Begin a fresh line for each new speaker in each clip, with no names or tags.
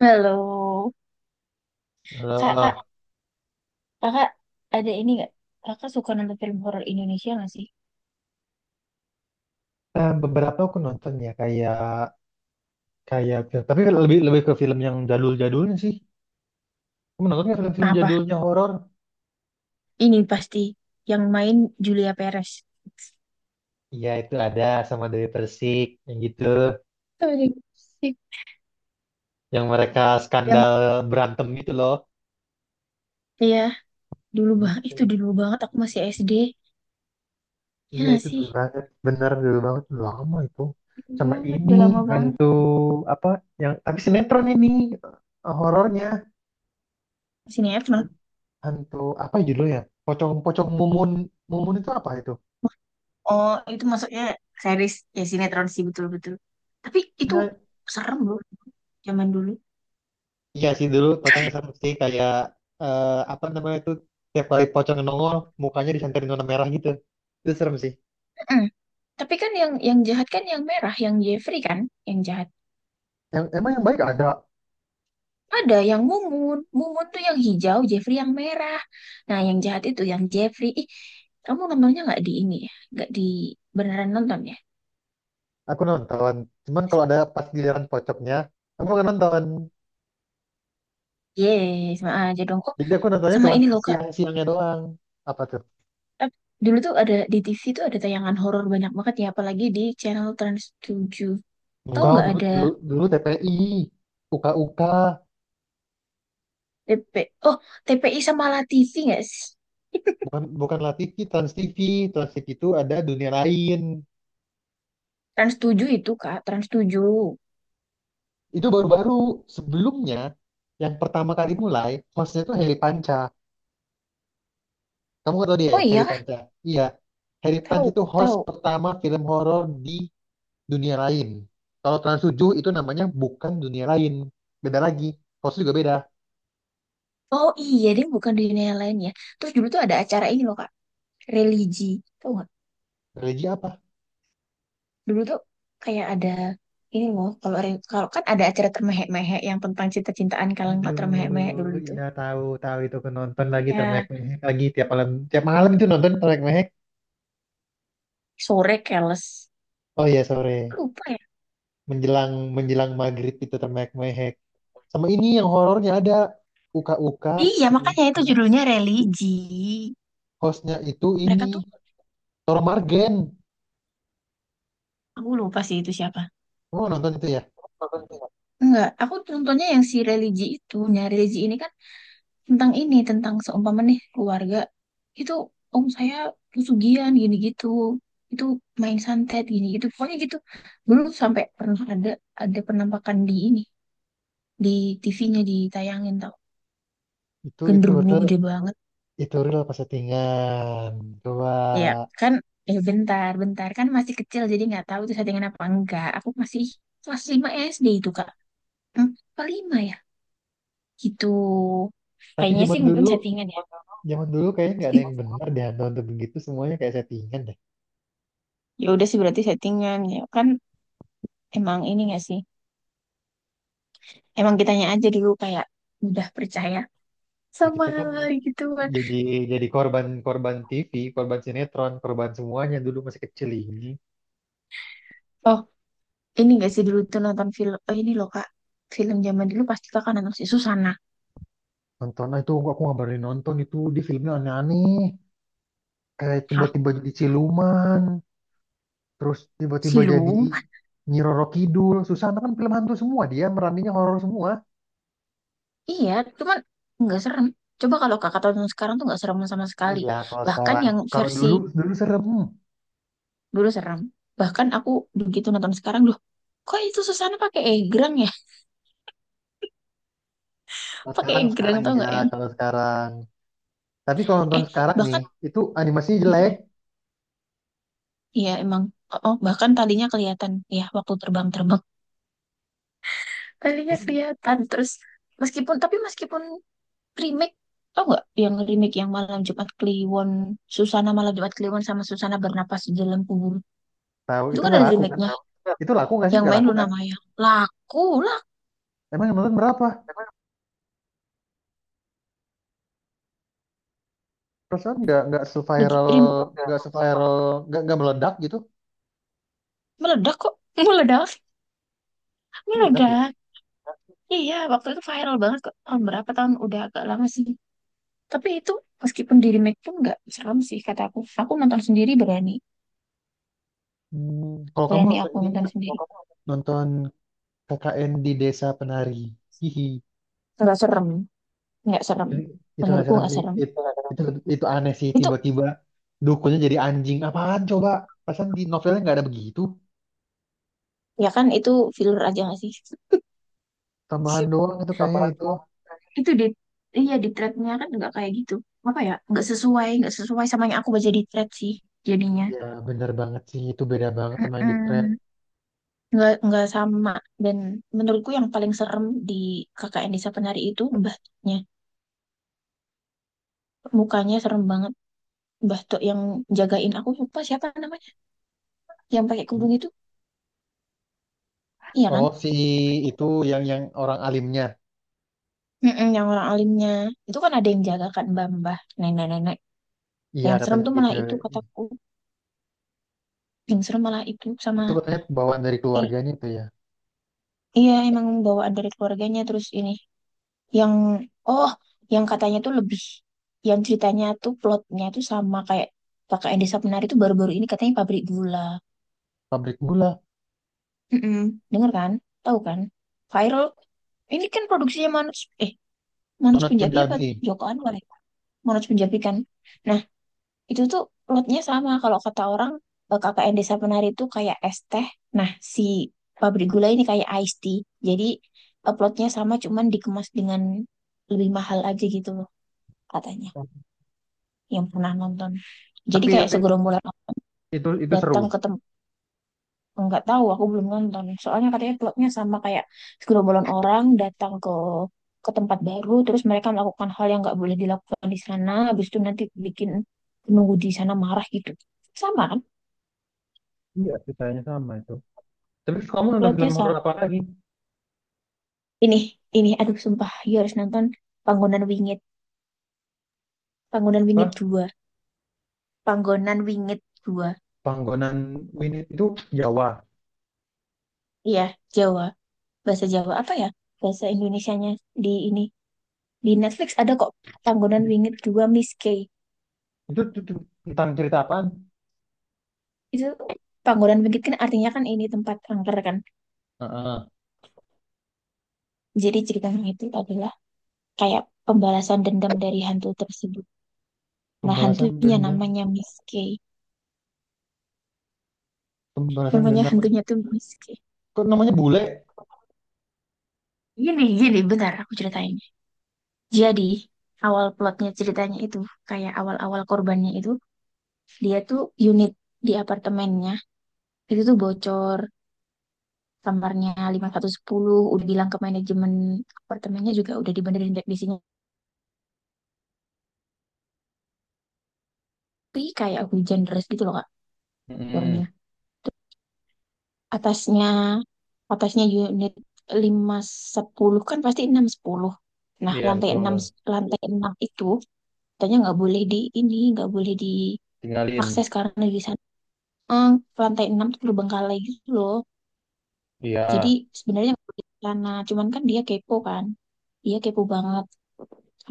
Halo, kak, kak,
Alah.
kakak ada ini nggak? Kakak suka nonton film horor Indonesia nggak sih?
Beberapa aku nonton ya kayak kayak film tapi lebih lebih ke film yang jadul-jadulnya sih. Kamu nonton nggak film-film
Apa?
jadulnya horor?
Ini pasti yang main Julia Perez.
Iya itu ada sama Dewi Persik yang gitu,
Sorry.
yang mereka
Yang
skandal berantem gitu loh.
iya, dulu banget, itu
Itu.
dulu banget aku masih SD. Ya
Iya
nggak
itu
sih?
dulu banget, bener dulu banget, lama itu.
Gitu
Sama
banget
ini
udah lama banget.
hantu apa yang tapi sinetron ini horornya
Sinetron.
hantu apa judulnya? Pocong-pocong mumun mumun itu apa itu?
Oh, itu masuknya series ya, sinetron sih betul-betul. Tapi itu serem loh zaman dulu.
Iya sih dulu fotonya sama sih kayak eh, apa namanya itu tiap kali pocong nongol mukanya disanterin warna merah gitu. Itu serem sih.
Mm-mm. Tapi kan yang jahat kan yang merah, yang Jeffrey kan, yang jahat.
Yang emang yang baik ada
Ada yang mumun. Mumun tuh yang hijau, Jeffrey yang merah. Nah, yang jahat itu yang Jeffrey. Ih, kamu nontonnya nggak di ini ya? Nggak di beneran nonton ya?
aku nonton. Cuman kalau ada pas giliran pocongnya aku nggak nonton.
Yes, sama aja dong. Oh,
Jadi aku nontonnya
sama
cuma
ini loh, Kak.
siang-siangnya doang. Apa tuh?
Ap- Dulu tuh ada di TV, tuh ada tayangan horor banyak banget ya, apalagi di channel Trans 7. Tahu
Enggak
nggak
dulu
ada
dulu, dulu TPI, UKUK,
TP? Oh, TPI sama La TV nggak sih?
bukan bukan La TV, Trans TV. Trans TV itu ada dunia lain.
Trans 7 itu, Kak. Trans 7.
Itu baru-baru sebelumnya yang pertama kali mulai hostnya tuh Heri Panca. Kamu nggak tahu dia
Oh
ya, Harry
iya, kah?
Panca? Iya. Harry Panca
Tahu,
itu host
tahu.
pertama film horor di dunia lain. Kalau Trans 7 itu namanya bukan dunia lain. Beda lagi. Host juga beda.
Oh iya, dia bukan di dunia lain ya. Terus dulu tuh ada acara ini loh, Kak. Religi, tau nggak?
Religi apa?
Dulu tuh kayak ada ini loh, kalau kalau kan ada acara termehek-mehek yang tentang cinta-cintaan. Kalian nggak termehek-mehek dulu
Aduh,
itu
iya tahu tahu itu aku nonton lagi
ya?
termehek-mehek lagi tiap malam itu nonton termehek-mehek.
Sore keles,
Oh iya sore
lupa ya.
menjelang menjelang maghrib itu termehek-mehek. Sama ini yang horornya ada. Uka-uka.
Iya,
Yang
makanya itu
host-
judulnya religi.
Hostnya itu
Mereka
ini.
tuh,
Toro Margen.
aku lupa sih itu siapa.
Kamu nonton itu ya?
Enggak, aku nontonnya yang si religi itu. Nah, religi ini kan tentang ini, tentang seumpama nih keluarga itu, om saya, pesugihan gini gitu, itu main santet gini gitu, pokoknya gitu. Dulu sampai pernah ada penampakan di ini, di TV-nya ditayangin, tau,
Itu
genderuwo
horor
gede banget.
itu real pas settingan. Coba.
Ya kan? Bentar, bentar, kan masih kecil jadi nggak tahu itu settingan apa enggak. Aku masih kelas 5 SD itu, kak. Hmm, apa 5 ya? Gitu,
Tapi
kayaknya sih mungkin settingan ya.
zaman dulu kayaknya nggak ada yang benar deh hantu untuk begitu semuanya kayak settingan deh.
Ya udah sih, berarti settingan ya kan? Emang ini nggak sih, emang kitanya aja dulu kayak udah percaya
Ya
sama
kita kan
hal-hal gitu kan.
jadi jadi korban, korban TV, korban sinetron, korban semuanya dulu masih kecil ini.
Oh, ini gak sih dulu tuh nonton film, oh ini loh Kak, film zaman dulu pasti Kakak nonton si Susana.
Nonton. "Ah, itu aku nggak berani nonton itu di filmnya aneh-aneh. Kayak
Hah,
tiba-tiba jadi siluman, terus tiba-tiba jadi
Silung?
Nyi Roro Kidul. Susana kan film hantu semua dia, meraninya horor semua.
Iya, cuman nggak serem. Coba kalau Kakak tonton sekarang tuh nggak serem sama sekali.
Iya, kalau
Bahkan
sekarang,
yang
kalau
versi
dulu dulu serem.
dulu serem. Bahkan aku begitu nonton sekarang, loh, kok itu Susana pakai egrang ya?
Kalau
Pakai
sekarang
egrang
sekarang
tau
iya
nggak yang,
kalau sekarang. Tapi kalau
eh
nonton sekarang nih
bahkan,
itu animasinya jelek.
Mm-mm. Iya emang, oh, bahkan talinya kelihatan ya waktu terbang-terbang. Alinya
Kamu
kelihatan terus meskipun remake, tau nggak yang remake yang Malam Jumat Kliwon, Susana Malam Jumat Kliwon sama Susana Bernapas di Dalam Kubur?
tahu
Itu
itu
kan ada
nggak laku kan?
remake-nya,
Itu laku nggak sih?
yang
Nggak
main
laku
Luna
kan?
Maya. Laku lah.
Emang yang nonton berapa? Perasaan nggak
Begitu
seviral,
remake,
nggak seviral nggak meledak gitu?
meledak kok. Meledak,
Meledak ya?
meledak. Iya waktu itu viral banget kok, tahun berapa tahun, udah agak lama sih. Tapi itu meskipun di remake pun nggak serem sih, kata aku nonton sendiri berani.
Hmm, kalau kamu
Berani
nonton
aku
ini
nonton
nggak?
sendiri.
Nonton KKN di Desa Penari. Hihi.
Nggak serem, nggak serem,
Itu itu nggak
menurutku
serem
nggak
sih.
serem
It- itu itu aneh sih
itu.
tiba-tiba dukunnya jadi anjing. Apaan coba? Perasaan di novelnya nggak ada begitu.
Ya kan itu filler aja nggak sih?
Tambahan doang itu kayaknya itu.
Itu di, iya di threadnya kan nggak kayak gitu. Apa ya? Nggak sesuai sama yang aku baca di thread sih jadinya.
Ya, bener banget sih. Itu beda banget sama yang di trap.
Mm-mm. Nggak sama. Dan menurutku yang paling serem di KKN Desa Penari itu mbahnya. Mukanya serem banget. Mbah Tok yang jagain, aku lupa siapa namanya. Yang pakai kerudung itu, iya kan?
Oh, si itu yang orang alimnya.
Mm-mm, yang orang alimnya. Itu kan ada yang jaga kan, mbah-mbah, nenek-nenek.
Iya,
Yang serem
katanya
tuh
gitu.
malah itu kataku. Yang serem malah itu sama,
Itu katanya bawaan dari keluarganya itu ya.
iya, emang bawaan dari keluarganya. Terus ini yang, oh, yang katanya tuh lebih, yang ceritanya tuh plotnya tuh sama kayak Kakak Edi Sapnari tuh, baru-baru ini katanya pabrik gula.
Pabrik gula,
Mm-mm. Dengar kan? Tahu kan? Viral. Ini kan produksinya Manoj, eh Manoj
Panas
Punjabi apa
Punjabi.
Joko Anwar ya? Manoj Punjabi kan. Nah, itu tuh lotnya sama, kalau kata orang, K K N Desa Penari itu kayak es teh. Nah, si pabrik gula ini kayak iced tea. Jadi uploadnya sama, cuman dikemas dengan lebih mahal aja gitu loh, katanya yang pernah nonton. Jadi
Tapi
kayak
tapi
segerombolan orang
itu seru.
datang ke tempat, nggak tahu aku belum nonton. Soalnya katanya plotnya sama kayak segerombolan orang datang ke tempat baru, terus mereka melakukan hal yang nggak boleh dilakukan di sana, habis itu nanti bikin penunggu di sana marah gitu. Sama kan?
Iya, ceritanya sama itu. Tapi kamu nonton
Plotnya
film
sama.
horor apa lagi?
Ini, ini, aduh sumpah, you harus nonton Panggonan Wingit. Panggonan Wingit
Wah,
dua, Panggonan Wingit dua.
Panggonan Winit itu Jawa.
Iya, Jawa. Bahasa Jawa apa ya? Bahasa Indonesianya di ini. Di Netflix ada kok, Panggonan Wingit dua Miss K.
Itu tentang cerita apaan?
Itu Panggonan Wingit kan artinya kan ini tempat angker kan.
Heeh.
Jadi ceritanya itu adalah kayak pembalasan dendam dari hantu tersebut. Nah,
Pembalasan
hantunya
dendam.
namanya Miss K.
Pembalasan
Namanya
dendam.
hantunya tuh Miss K.
Kok namanya bule?
Gini, gini bentar aku ceritain. Jadi, awal plotnya ceritanya itu, kayak awal-awal korbannya itu, dia tuh unit di apartemennya, itu tuh bocor, kamarnya lima satu sepuluh, udah bilang ke manajemen apartemennya juga, udah dibenerin dek di sini. Tapi kayak hujan deras gitu loh, Kak, keluarnya.
Hmm.
Terus atasnya, atasnya unit lima sepuluh kan pasti enam sepuluh. Nah,
Iya.
lantai enam, lantai 6 itu, katanya nggak boleh di ini, nggak boleh diakses karena di, eh, lantai 6 tuh terbengkalai gitu loh.
Iya.
Jadi sebenarnya nggak boleh ke sana, cuman kan. Dia kepo banget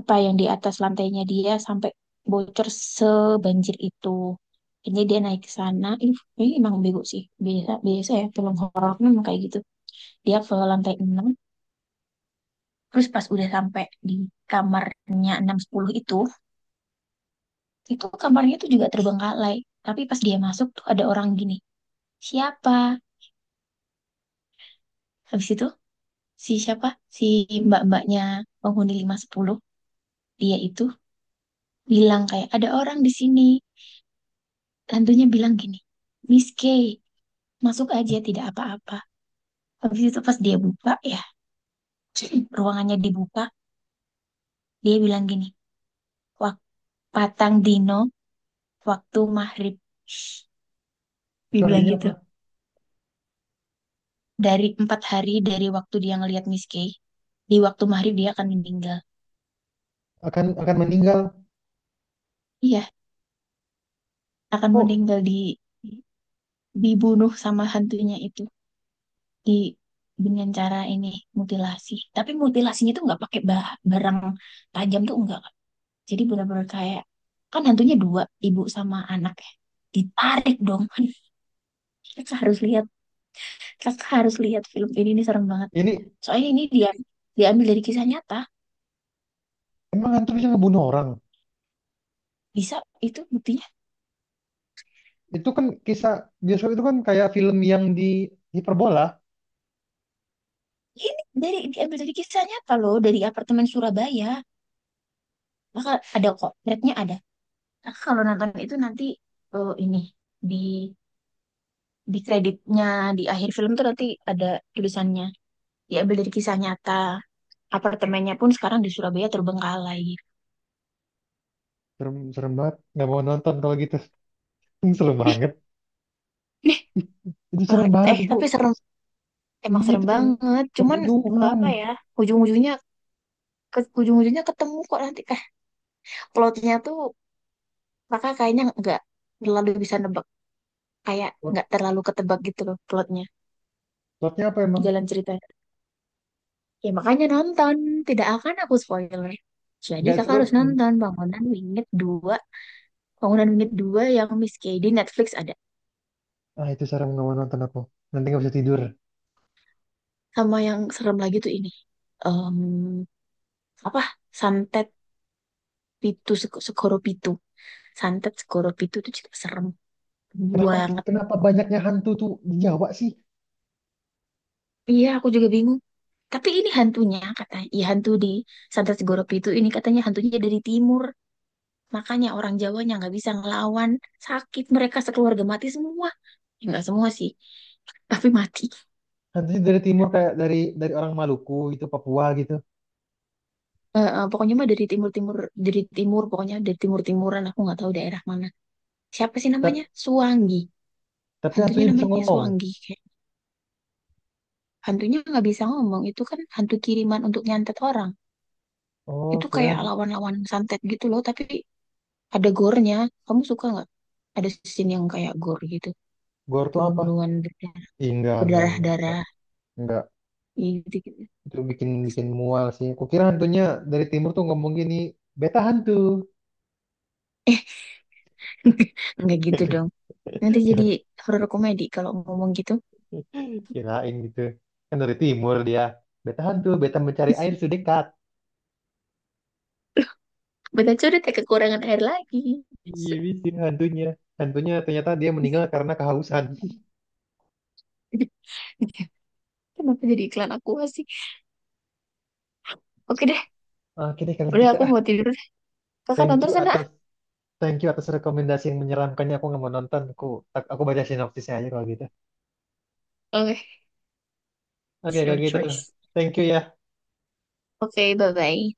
apa yang di atas lantainya, dia sampai bocor sebanjir itu. Jadi dia naik ke sana, ih, ini emang bego sih. Biasa, biasa ya, film horor tuh memang kayak gitu. Dia ke lantai enam, terus pas udah sampai di kamarnya enam sepuluh itu kamarnya tuh juga terbengkalai. Tapi pas dia masuk tuh ada orang gini, siapa? Habis itu si siapa si mbak-mbaknya penghuni lima sepuluh, dia itu bilang kayak ada orang di sini. Hantunya bilang gini, Miss K, masuk aja tidak apa-apa. Habis itu pas dia buka ya, ruangannya dibuka, dia bilang gini, wak patang dino waktu maghrib, dia
Itu
bilang
artinya
gitu.
apa?
Dari empat hari dari waktu dia ngelihat Miss K, di waktu maghrib dia akan meninggal.
Akan meninggal.
Iya, akan
Kok
meninggal di, dibunuh sama hantunya itu, di, dengan cara ini, mutilasi. Tapi mutilasinya tuh nggak pakai barang tajam, tuh enggak. Jadi benar-benar kayak, kan hantunya dua, ibu sama anak ya, ditarik dong. Kakak harus lihat, kakak harus lihat film ini nih, serem banget.
ini
Soalnya ini dia diambil dari kisah nyata.
emang hantu bisa ngebunuh orang?
Bisa, itu buktinya.
Itu kan kisah bioskop itu kan kayak film yang di hiperbola.
Ini dari, diambil dari kisah nyata loh, dari apartemen Surabaya. Maka ada kok threadnya, ada. Kakak kalau nonton itu nanti, ini di di kreditnya, di akhir film tuh nanti ada tulisannya, diambil dari kisah nyata. Apartemennya pun sekarang di Surabaya terbengkalai.
Serem, serem banget. Nggak mau nonton kalau gitu. Serem
Ih,
banget.
ih,
Itu serem
banget.
banget itu.
Tapi serem, emang
Iya
serem
itu serem.
banget, cuman
Pembunuhan.
apa ya, ujung-ujungnya, ke ujung-ujungnya ketemu kok nanti. Plotnya tuh, kakak kayaknya nggak terlalu bisa nebak, kayak
Plot-
nggak terlalu ketebak gitu loh plotnya,
Plotnya apa emang?
jalan ceritanya. Ya makanya nonton, tidak akan aku spoiler. Jadi
Nggak
kakak
seru.
harus nonton Bangunan Wingit dua. Bangunan Unit dua yang Miss Kay di Netflix ada.
Ah itu serem nggak mau nonton aku. Nanti nggak bisa tidur.
Sama yang serem lagi tuh ini. Em, apa? Santet Pitu, Segoro Pitu. Santet Segoro Pitu itu juga serem
Kenapa
banget.
kenapa banyaknya hantu tuh di Jawa sih?
Iya, aku juga bingung. Tapi ini hantunya katanya, iya hantu di Santet Segoro Pitu ini katanya hantunya dari timur. Makanya orang Jawanya nggak bisa ngelawan. Sakit, mereka sekeluarga mati semua. Ya, nggak semua sih, tapi mati.
Hantunya dari timur kayak dari orang Maluku gitu, Papua gitu.
Eh, eh, pokoknya mah dari timur-timur, dari timur, pokoknya dari timur-timuran. Aku nggak tahu daerah mana. Siapa sih namanya?
Ta-
Suwangi.
Tapi
Hantunya
hantunya bisa
namanya
ngomong.
Suwangi. Kayak hantunya nggak bisa ngomong. Itu kan hantu kiriman untuk nyantet orang.
Oh,
Itu kayak
kira
lawan-lawan santet gitu loh. Tapi ada gore-nya. Kamu suka nggak? Ada scene yang kayak gore gitu.
gore tuh apa?
Bunuh-bunuhan berdarah-,
Ih, enggak,
berdarah-darah.
enggak.
Gitu, gitu.
Itu bikin bikin mual sih. Kukira hantunya dari timur tuh ngomong gini, beta hantu.
Eh, nggak gitu dong. Nanti jadi
Kira-
horor komedi kalau ngomong gitu.
Kirain gitu. Kan dari timur dia. Beta hantu, beta mencari air sedekat.
Betul sudah tak kekurangan air lagi.
Iya, bisa hantunya. Hantunya ternyata dia meninggal karena kehausan.
Kenapa jadi iklan aku sih? Oke deh.
Ah, oke deh kalau
Udah
gitu
aku
ah.
mau tidur deh. Kakak
Thank
nonton
you
sana.
atas thank you atas rekomendasi yang menyeramkannya. Aku nggak mau nonton. Aku baca sinopsisnya aja kalau gitu.
Okay,
Oke
it's your
kalau gitu.
choice.
Thank you ya.
Okay, bye bye.